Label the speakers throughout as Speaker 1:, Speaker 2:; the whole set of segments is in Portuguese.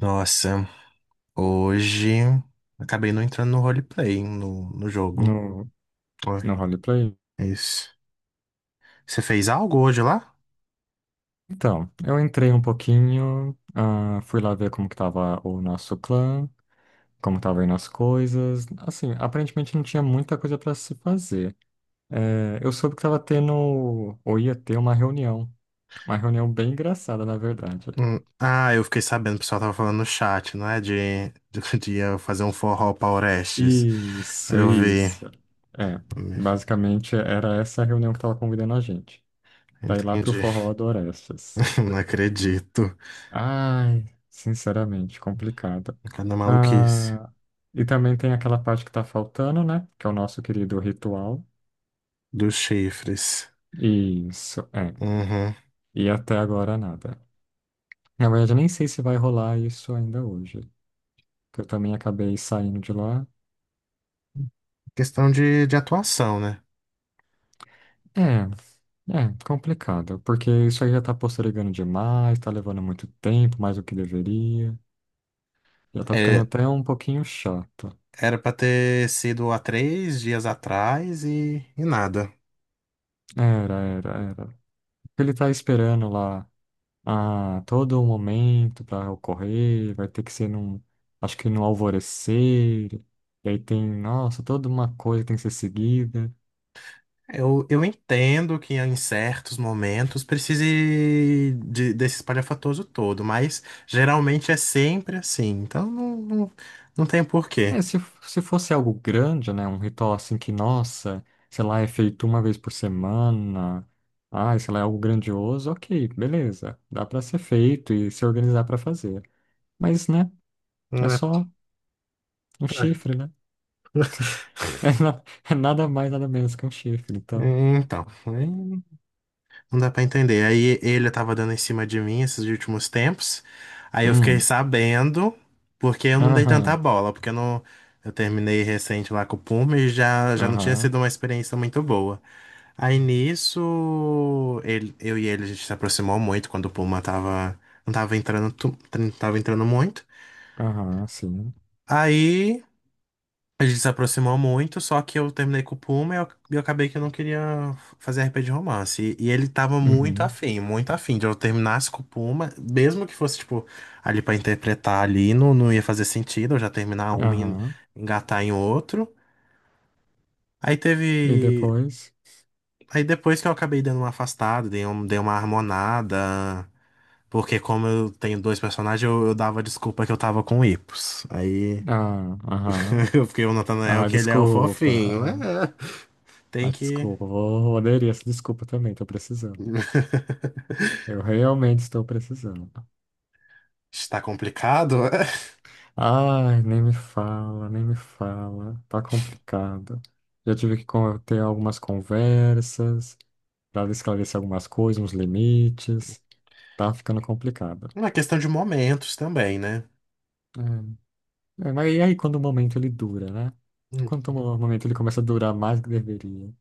Speaker 1: Nossa, hoje acabei não entrando no roleplay, hein, no jogo.
Speaker 2: No,
Speaker 1: Ué,
Speaker 2: no roleplay?
Speaker 1: é isso. Você fez algo hoje lá?
Speaker 2: Então, eu entrei um pouquinho, fui lá ver como que tava o nosso clã, como tava aí nas coisas. Assim, aparentemente não tinha muita coisa para se fazer. É, eu soube que tava tendo, ou ia ter uma reunião. Uma reunião bem engraçada, na verdade.
Speaker 1: Ah, eu fiquei sabendo, o pessoal tava falando no chat, não é? De, de eu fazer um forró pra Orestes. Aí
Speaker 2: Isso,
Speaker 1: eu vi.
Speaker 2: isso. É, basicamente era essa a reunião que tava convidando a gente. Pra ir lá pro
Speaker 1: Entendi.
Speaker 2: Forró do Orestes.
Speaker 1: Não acredito.
Speaker 2: Ai, sinceramente, complicado.
Speaker 1: Cada maluquice
Speaker 2: Ah, e também tem aquela parte que tá faltando, né? Que é o nosso querido ritual.
Speaker 1: dos chifres.
Speaker 2: Isso, é.
Speaker 1: Uhum.
Speaker 2: E até agora nada. Na verdade, eu nem sei se vai rolar isso ainda hoje. Que eu também acabei saindo de lá.
Speaker 1: Questão de atuação, né?
Speaker 2: É, é, complicado. Porque isso aí já tá postergando demais, tá levando muito tempo, mais do que deveria. Já tá ficando
Speaker 1: É,
Speaker 2: até um pouquinho chato.
Speaker 1: era pra ter sido há 3 dias atrás e nada.
Speaker 2: Era, era, era. Ele tá esperando lá a todo momento para ocorrer, vai ter que ser num, acho que no alvorecer, e aí tem, nossa, toda uma coisa que tem que ser seguida.
Speaker 1: Eu entendo que em certos momentos precise desse espalhafatoso todo, mas geralmente é sempre assim, então não, não, não tem porquê.
Speaker 2: É, se fosse algo grande, né, um ritual assim que, nossa, sei lá, é feito uma vez por semana, sei lá, é algo grandioso, ok, beleza, dá para ser feito e se organizar para fazer. Mas, né, é
Speaker 1: Não é-
Speaker 2: só um chifre, né? É, na- É nada mais, nada menos que um chifre, então.
Speaker 1: é, Então, aí não dá pra entender. Aí ele tava dando em cima de mim esses últimos tempos. Aí eu fiquei
Speaker 2: Hum,
Speaker 1: sabendo, porque eu não dei tanta
Speaker 2: aham,
Speaker 1: bola, porque eu não eu terminei recente lá com o Puma e já não tinha
Speaker 2: aham.
Speaker 1: sido uma experiência muito boa. Aí nisso, eu e ele a gente se aproximou muito quando o Puma tava, não tava entrando, não tava entrando muito.
Speaker 2: Aham, sim.
Speaker 1: Aí a gente se aproximou muito, só que eu terminei com o Puma e eu acabei que eu não queria fazer RP de romance. E ele tava
Speaker 2: Uhum.
Speaker 1: muito afim de eu terminasse com o Puma, mesmo que fosse, tipo, ali pra interpretar ali, não, não ia fazer sentido eu já terminar um e
Speaker 2: Aham.
Speaker 1: engatar em outro. Aí
Speaker 2: E
Speaker 1: teve.
Speaker 2: depois?
Speaker 1: Aí depois que eu acabei dando uma afastada, dei uma harmonada. Porque como eu tenho dois personagens, eu dava desculpa que eu tava com hipos. Aí
Speaker 2: Ah, aham.
Speaker 1: eu fiquei o Nathanael
Speaker 2: Ah,
Speaker 1: que ele é o
Speaker 2: desculpa.
Speaker 1: fofinho.
Speaker 2: Aham.
Speaker 1: É,
Speaker 2: Ah,
Speaker 1: tem que.
Speaker 2: desculpa. Vou aderir essa desculpa também. Tô precisando. Eu realmente estou precisando.
Speaker 1: Está complicado.
Speaker 2: Ai, nem me fala, nem me fala. Tá complicado. Já tive que ter algumas conversas para esclarecer algumas coisas, uns limites. Tá ficando complicado.
Speaker 1: É uma questão de momentos também, né?
Speaker 2: É. É, mas e aí quando o momento ele dura, né? Quando
Speaker 1: Hum.
Speaker 2: o momento ele começa a durar mais do que deveria.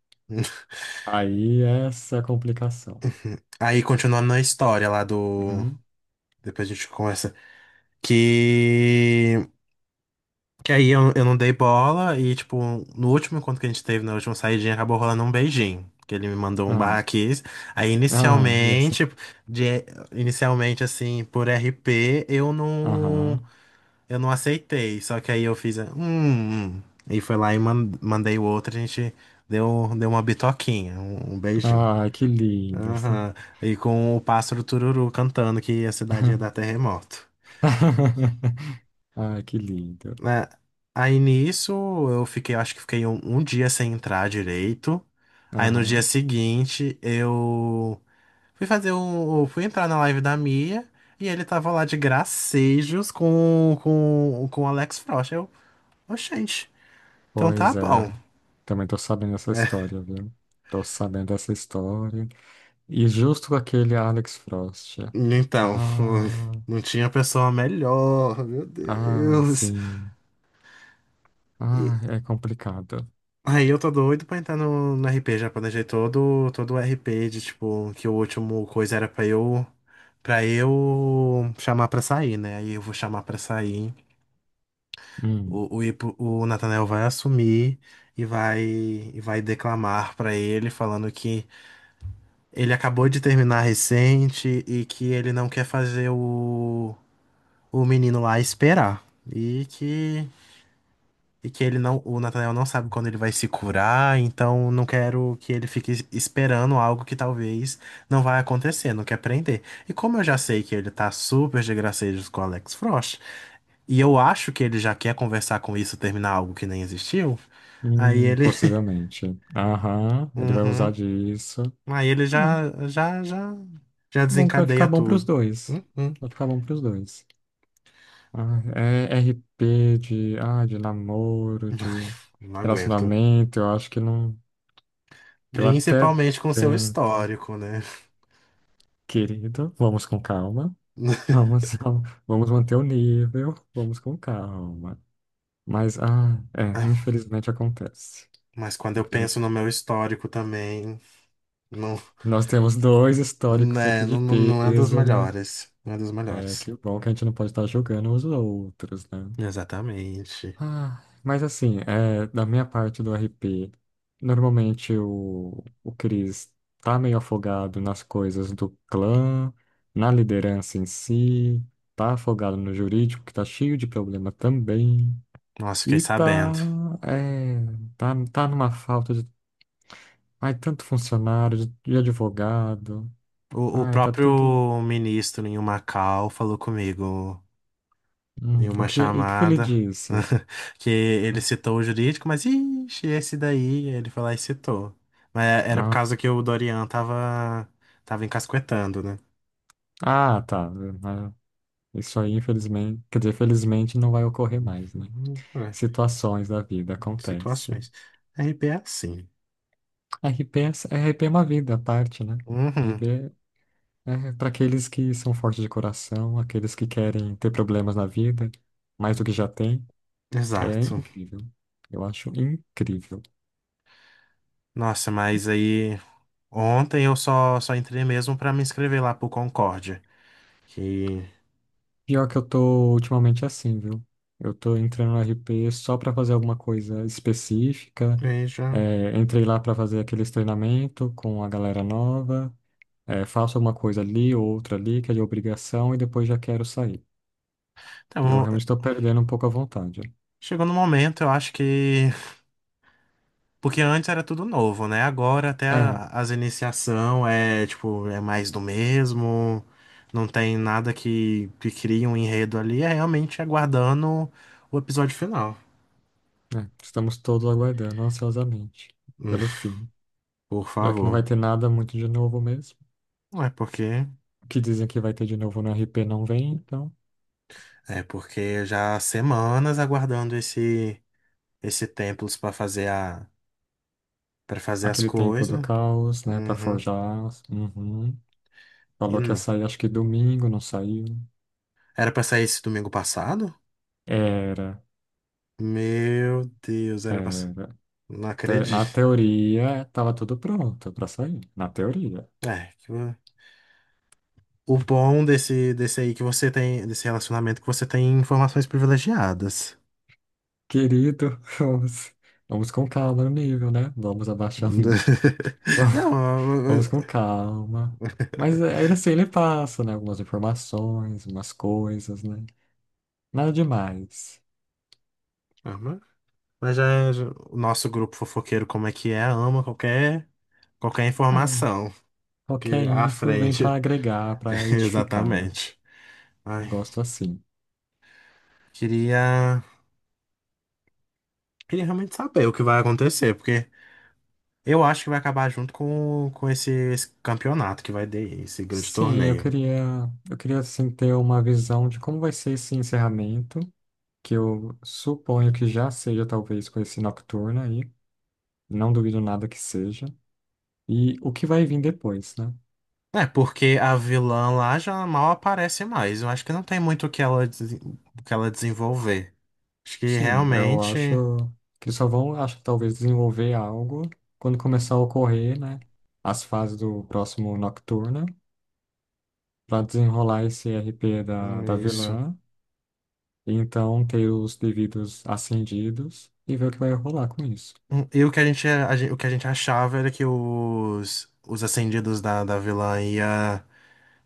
Speaker 2: Aí essa é a complicação.
Speaker 1: Aí continuando na história lá do.
Speaker 2: Uhum.
Speaker 1: Depois a gente conversa. Que Que aí eu não dei bola e, tipo, no último encontro que a gente teve, na última saidinha, acabou rolando um beijinho. Que ele me mandou um
Speaker 2: Ah,
Speaker 1: barraquês. Aí,
Speaker 2: ah, essa.
Speaker 1: de, inicialmente, assim, por RP,
Speaker 2: Aham.
Speaker 1: eu não aceitei. Só que aí eu fiz, hum. E foi lá e mandei o outro, a gente deu uma bitoquinha, um beijinho.
Speaker 2: Ah, que lindo.
Speaker 1: Aham. E com o pássaro Tururu cantando que a cidade ia dar terremoto,
Speaker 2: Ah, que lindo.
Speaker 1: né? Aí nisso eu fiquei, acho que fiquei um dia sem entrar direito. Aí no dia
Speaker 2: Aham.
Speaker 1: seguinte eu fui entrar na live da Mia e ele tava lá de gracejos com o Alex Frost. Eu, "Ô, gente, então tá
Speaker 2: Pois é.
Speaker 1: bom."
Speaker 2: Também tô sabendo essa história, viu? Tô sabendo essa história. E justo com aquele Alex Frost.
Speaker 1: Então,
Speaker 2: Ah,
Speaker 1: não tinha pessoa melhor, meu
Speaker 2: ah,
Speaker 1: Deus.
Speaker 2: sim. Ah, é complicado.
Speaker 1: Aí eu tô doido pra entrar no RP, já planejei todo, todo o RP de tipo, que o último coisa era pra eu para eu chamar pra sair, né? Aí eu vou chamar pra sair.
Speaker 2: Hum.
Speaker 1: O Nathanael vai assumir e vai declamar pra ele falando que ele acabou de terminar recente e que ele não quer fazer o menino lá esperar. E que E que ele não, o Nathaniel não sabe quando ele vai se curar, então não quero que ele fique esperando algo que talvez não vai acontecer, não quer prender. E como eu já sei que ele tá super de gracejos com o Alex Frost, e eu acho que ele já quer conversar com isso, terminar algo que nem existiu, aí ele,
Speaker 2: Possivelmente. Aham, ele vai usar
Speaker 1: uhum,
Speaker 2: disso.
Speaker 1: aí ele
Speaker 2: Ah,
Speaker 1: já
Speaker 2: tá bom que vai ficar
Speaker 1: desencadeia
Speaker 2: bom pros
Speaker 1: tudo.
Speaker 2: dois.
Speaker 1: Uhum.
Speaker 2: Vai ficar bom pros dois. Ah, é RP de, ah, de namoro, de
Speaker 1: Não aguento.
Speaker 2: relacionamento, eu acho que não. Eu até
Speaker 1: Principalmente com seu
Speaker 2: tento.
Speaker 1: histórico, né?
Speaker 2: Querido, vamos com calma. Vamos, vamos manter o nível, vamos com calma. Mas, ah, é, infelizmente acontece.
Speaker 1: Mas quando eu penso
Speaker 2: Infelizmente.
Speaker 1: no meu histórico também. Não,
Speaker 2: Nós temos dois históricos aqui
Speaker 1: né,
Speaker 2: de
Speaker 1: não, não não é dos
Speaker 2: peso, né?
Speaker 1: melhores. Não é dos
Speaker 2: É,
Speaker 1: melhores.
Speaker 2: que bom que a gente não pode estar julgando os outros, né?
Speaker 1: Exatamente.
Speaker 2: Ah, mas assim, é, da minha parte do RP, normalmente o Chris tá meio afogado nas coisas do clã, na liderança em si, tá afogado no jurídico, que tá cheio de problema também,
Speaker 1: Nossa, fiquei
Speaker 2: e tá,
Speaker 1: sabendo.
Speaker 2: é, tá numa falta de, ai, tanto funcionário, de advogado,
Speaker 1: O
Speaker 2: ai, tá tudo.
Speaker 1: próprio ministro em Macau falou comigo em
Speaker 2: O
Speaker 1: uma
Speaker 2: que, e o que ele
Speaker 1: chamada
Speaker 2: disse?
Speaker 1: que ele citou o jurídico, mas ixi, esse daí ele foi lá e citou. Mas é, era por
Speaker 2: Ah,
Speaker 1: causa que o Dorian tava, encasquetando, né?
Speaker 2: ah, tá. Né? Isso aí, infelizmente, quer dizer, felizmente não vai ocorrer mais, né?
Speaker 1: Uhum, é,
Speaker 2: Situações da vida acontecem.
Speaker 1: situações. RP é assim.
Speaker 2: RP é, RP é uma vida à parte, né?
Speaker 1: Uhum,
Speaker 2: RP é para aqueles que são fortes de coração, aqueles que querem ter problemas na vida, mais do que já tem. É
Speaker 1: exato.
Speaker 2: incrível. Eu acho incrível.
Speaker 1: Nossa, mas aí. Ontem eu só entrei mesmo para me inscrever lá pro Concórdia. Que.
Speaker 2: Pior que eu tô ultimamente assim, viu? Eu tô entrando no RP só pra fazer alguma coisa específica.
Speaker 1: Veja.
Speaker 2: É, entrei lá pra fazer aqueles treinamento com a galera nova. É, faço uma coisa ali, outra ali, que é de obrigação, e depois já quero sair. Eu
Speaker 1: Então,
Speaker 2: realmente estou perdendo um pouco a vontade.
Speaker 1: chegou no momento, eu acho que. Porque antes era tudo novo, né? Agora até
Speaker 2: É,
Speaker 1: as iniciação é, tipo, é mais do mesmo. Não tem nada que crie um enredo ali. É realmente aguardando o episódio final.
Speaker 2: é, estamos todos aguardando ansiosamente
Speaker 1: Hum,
Speaker 2: pelo fim,
Speaker 1: Por
Speaker 2: já que não vai
Speaker 1: favor.
Speaker 2: ter nada muito de novo mesmo.
Speaker 1: Não é porque.
Speaker 2: O que dizem que vai ter de novo no RP não vem, então.
Speaker 1: É porque já há semanas aguardando esse templos para fazer as
Speaker 2: Aquele templo do
Speaker 1: coisas.
Speaker 2: caos, né, pra
Speaker 1: Uhum.
Speaker 2: forjar. Uhum.
Speaker 1: E
Speaker 2: Falou que ia
Speaker 1: não.
Speaker 2: sair, acho que domingo, não saiu.
Speaker 1: Era pra sair esse domingo passado?
Speaker 2: Era,
Speaker 1: Meu Deus,
Speaker 2: era.
Speaker 1: Não acredito.
Speaker 2: Na teoria, tava tudo pronto pra sair. Na teoria.
Speaker 1: É, que o bom desse aí que você tem, desse relacionamento, é que você tem informações privilegiadas.
Speaker 2: Querido, vamos com calma no nível, né? Vamos abaixar o nível.
Speaker 1: Não,
Speaker 2: Vamos com calma. Mas é, ainda assim, ele passa, né? Algumas informações, umas coisas, né? Nada demais.
Speaker 1: Ah, mas- mas já o nosso grupo fofoqueiro, como é que é, ama qualquer
Speaker 2: É,
Speaker 1: informação
Speaker 2: qualquer
Speaker 1: que à
Speaker 2: info vem para
Speaker 1: frente.
Speaker 2: agregar, para edificar, né?
Speaker 1: Exatamente. Ai,
Speaker 2: Gosto assim.
Speaker 1: queria, queria realmente saber o que vai acontecer, porque eu acho que vai acabar junto com esse campeonato que vai ter, esse grande
Speaker 2: Sim,
Speaker 1: torneio.
Speaker 2: eu queria assim ter uma visão de como vai ser esse encerramento, que eu suponho que já seja talvez com esse Nocturna aí. Não duvido nada que seja. E o que vai vir depois, né?
Speaker 1: É, porque a vilã lá já mal aparece mais. Eu acho que não tem muito o que ela, o que ela desenvolver. Acho que
Speaker 2: Sim, eu
Speaker 1: realmente.
Speaker 2: acho que eles só vão, acho que talvez desenvolver algo quando começar a ocorrer, né? As fases do próximo Nocturna, para desenrolar esse RP da, da
Speaker 1: Isso.
Speaker 2: vilã, e então ter os devidos acendidos e ver o que vai rolar com isso.
Speaker 1: E o que a gente, a gen- o que a gente achava era que os ascendidos da vilã ia.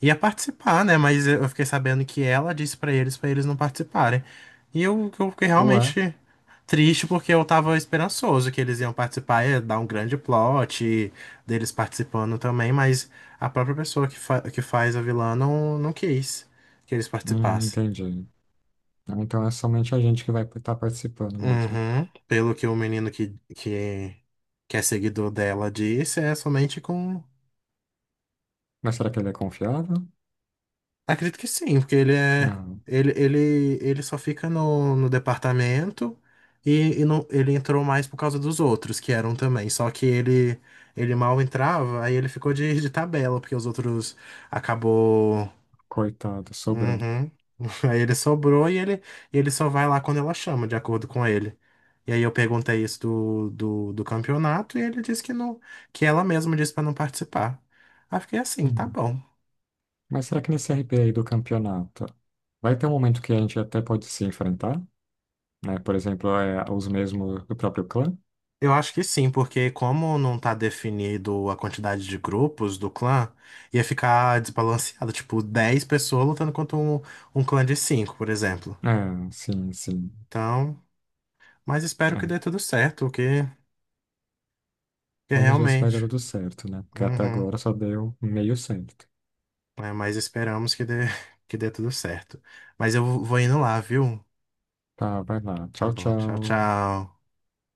Speaker 1: ia Participar, né? Mas eu fiquei sabendo que ela disse pra eles não participarem. E eu fiquei
Speaker 2: Ué,
Speaker 1: realmente triste porque eu tava esperançoso que eles iam participar, ia dar um grande plot e deles participando também, mas a própria pessoa que faz a vilã não, não quis que eles participassem.
Speaker 2: entendi. Então é somente a gente que vai estar participando mesmo.
Speaker 1: Uhum. Pelo que o menino que é seguidor dela disse, é somente com.
Speaker 2: Mas será que ele é confiável?
Speaker 1: Acredito que sim, porque ele é.
Speaker 2: Ah,
Speaker 1: Ele só fica no departamento e não, ele entrou mais por causa dos outros que eram também. Só que ele mal entrava, aí ele ficou de tabela, porque os outros acabou.
Speaker 2: coitado, sobrou.
Speaker 1: Uhum. Aí ele sobrou e ele só vai lá quando ela chama, de acordo com ele. E aí eu perguntei isso do campeonato e ele disse que não, que ela mesma disse pra não participar. Aí eu fiquei assim, tá
Speaker 2: Hum.
Speaker 1: bom.
Speaker 2: Mas será que nesse RP aí do campeonato vai ter um momento que a gente até pode se enfrentar? Né? Por exemplo, é, os mesmos do próprio clã?
Speaker 1: Eu acho que sim, porque como não tá definido a quantidade de grupos do clã, ia ficar desbalanceado, tipo, 10 pessoas lutando contra um clã de 5, por exemplo.
Speaker 2: É, sim, sim.
Speaker 1: Então, mas espero que dê
Speaker 2: É.
Speaker 1: tudo certo, que
Speaker 2: Vamos ver se vai
Speaker 1: realmente.
Speaker 2: dar tudo certo, né? Porque até
Speaker 1: Uhum.
Speaker 2: agora só deu meio certo.
Speaker 1: É, mas esperamos que dê, que dê tudo certo. Mas eu vou indo lá, viu?
Speaker 2: Tá, vai lá.
Speaker 1: Tá
Speaker 2: Tchau,
Speaker 1: bom, tchau,
Speaker 2: tchau.
Speaker 1: tchau.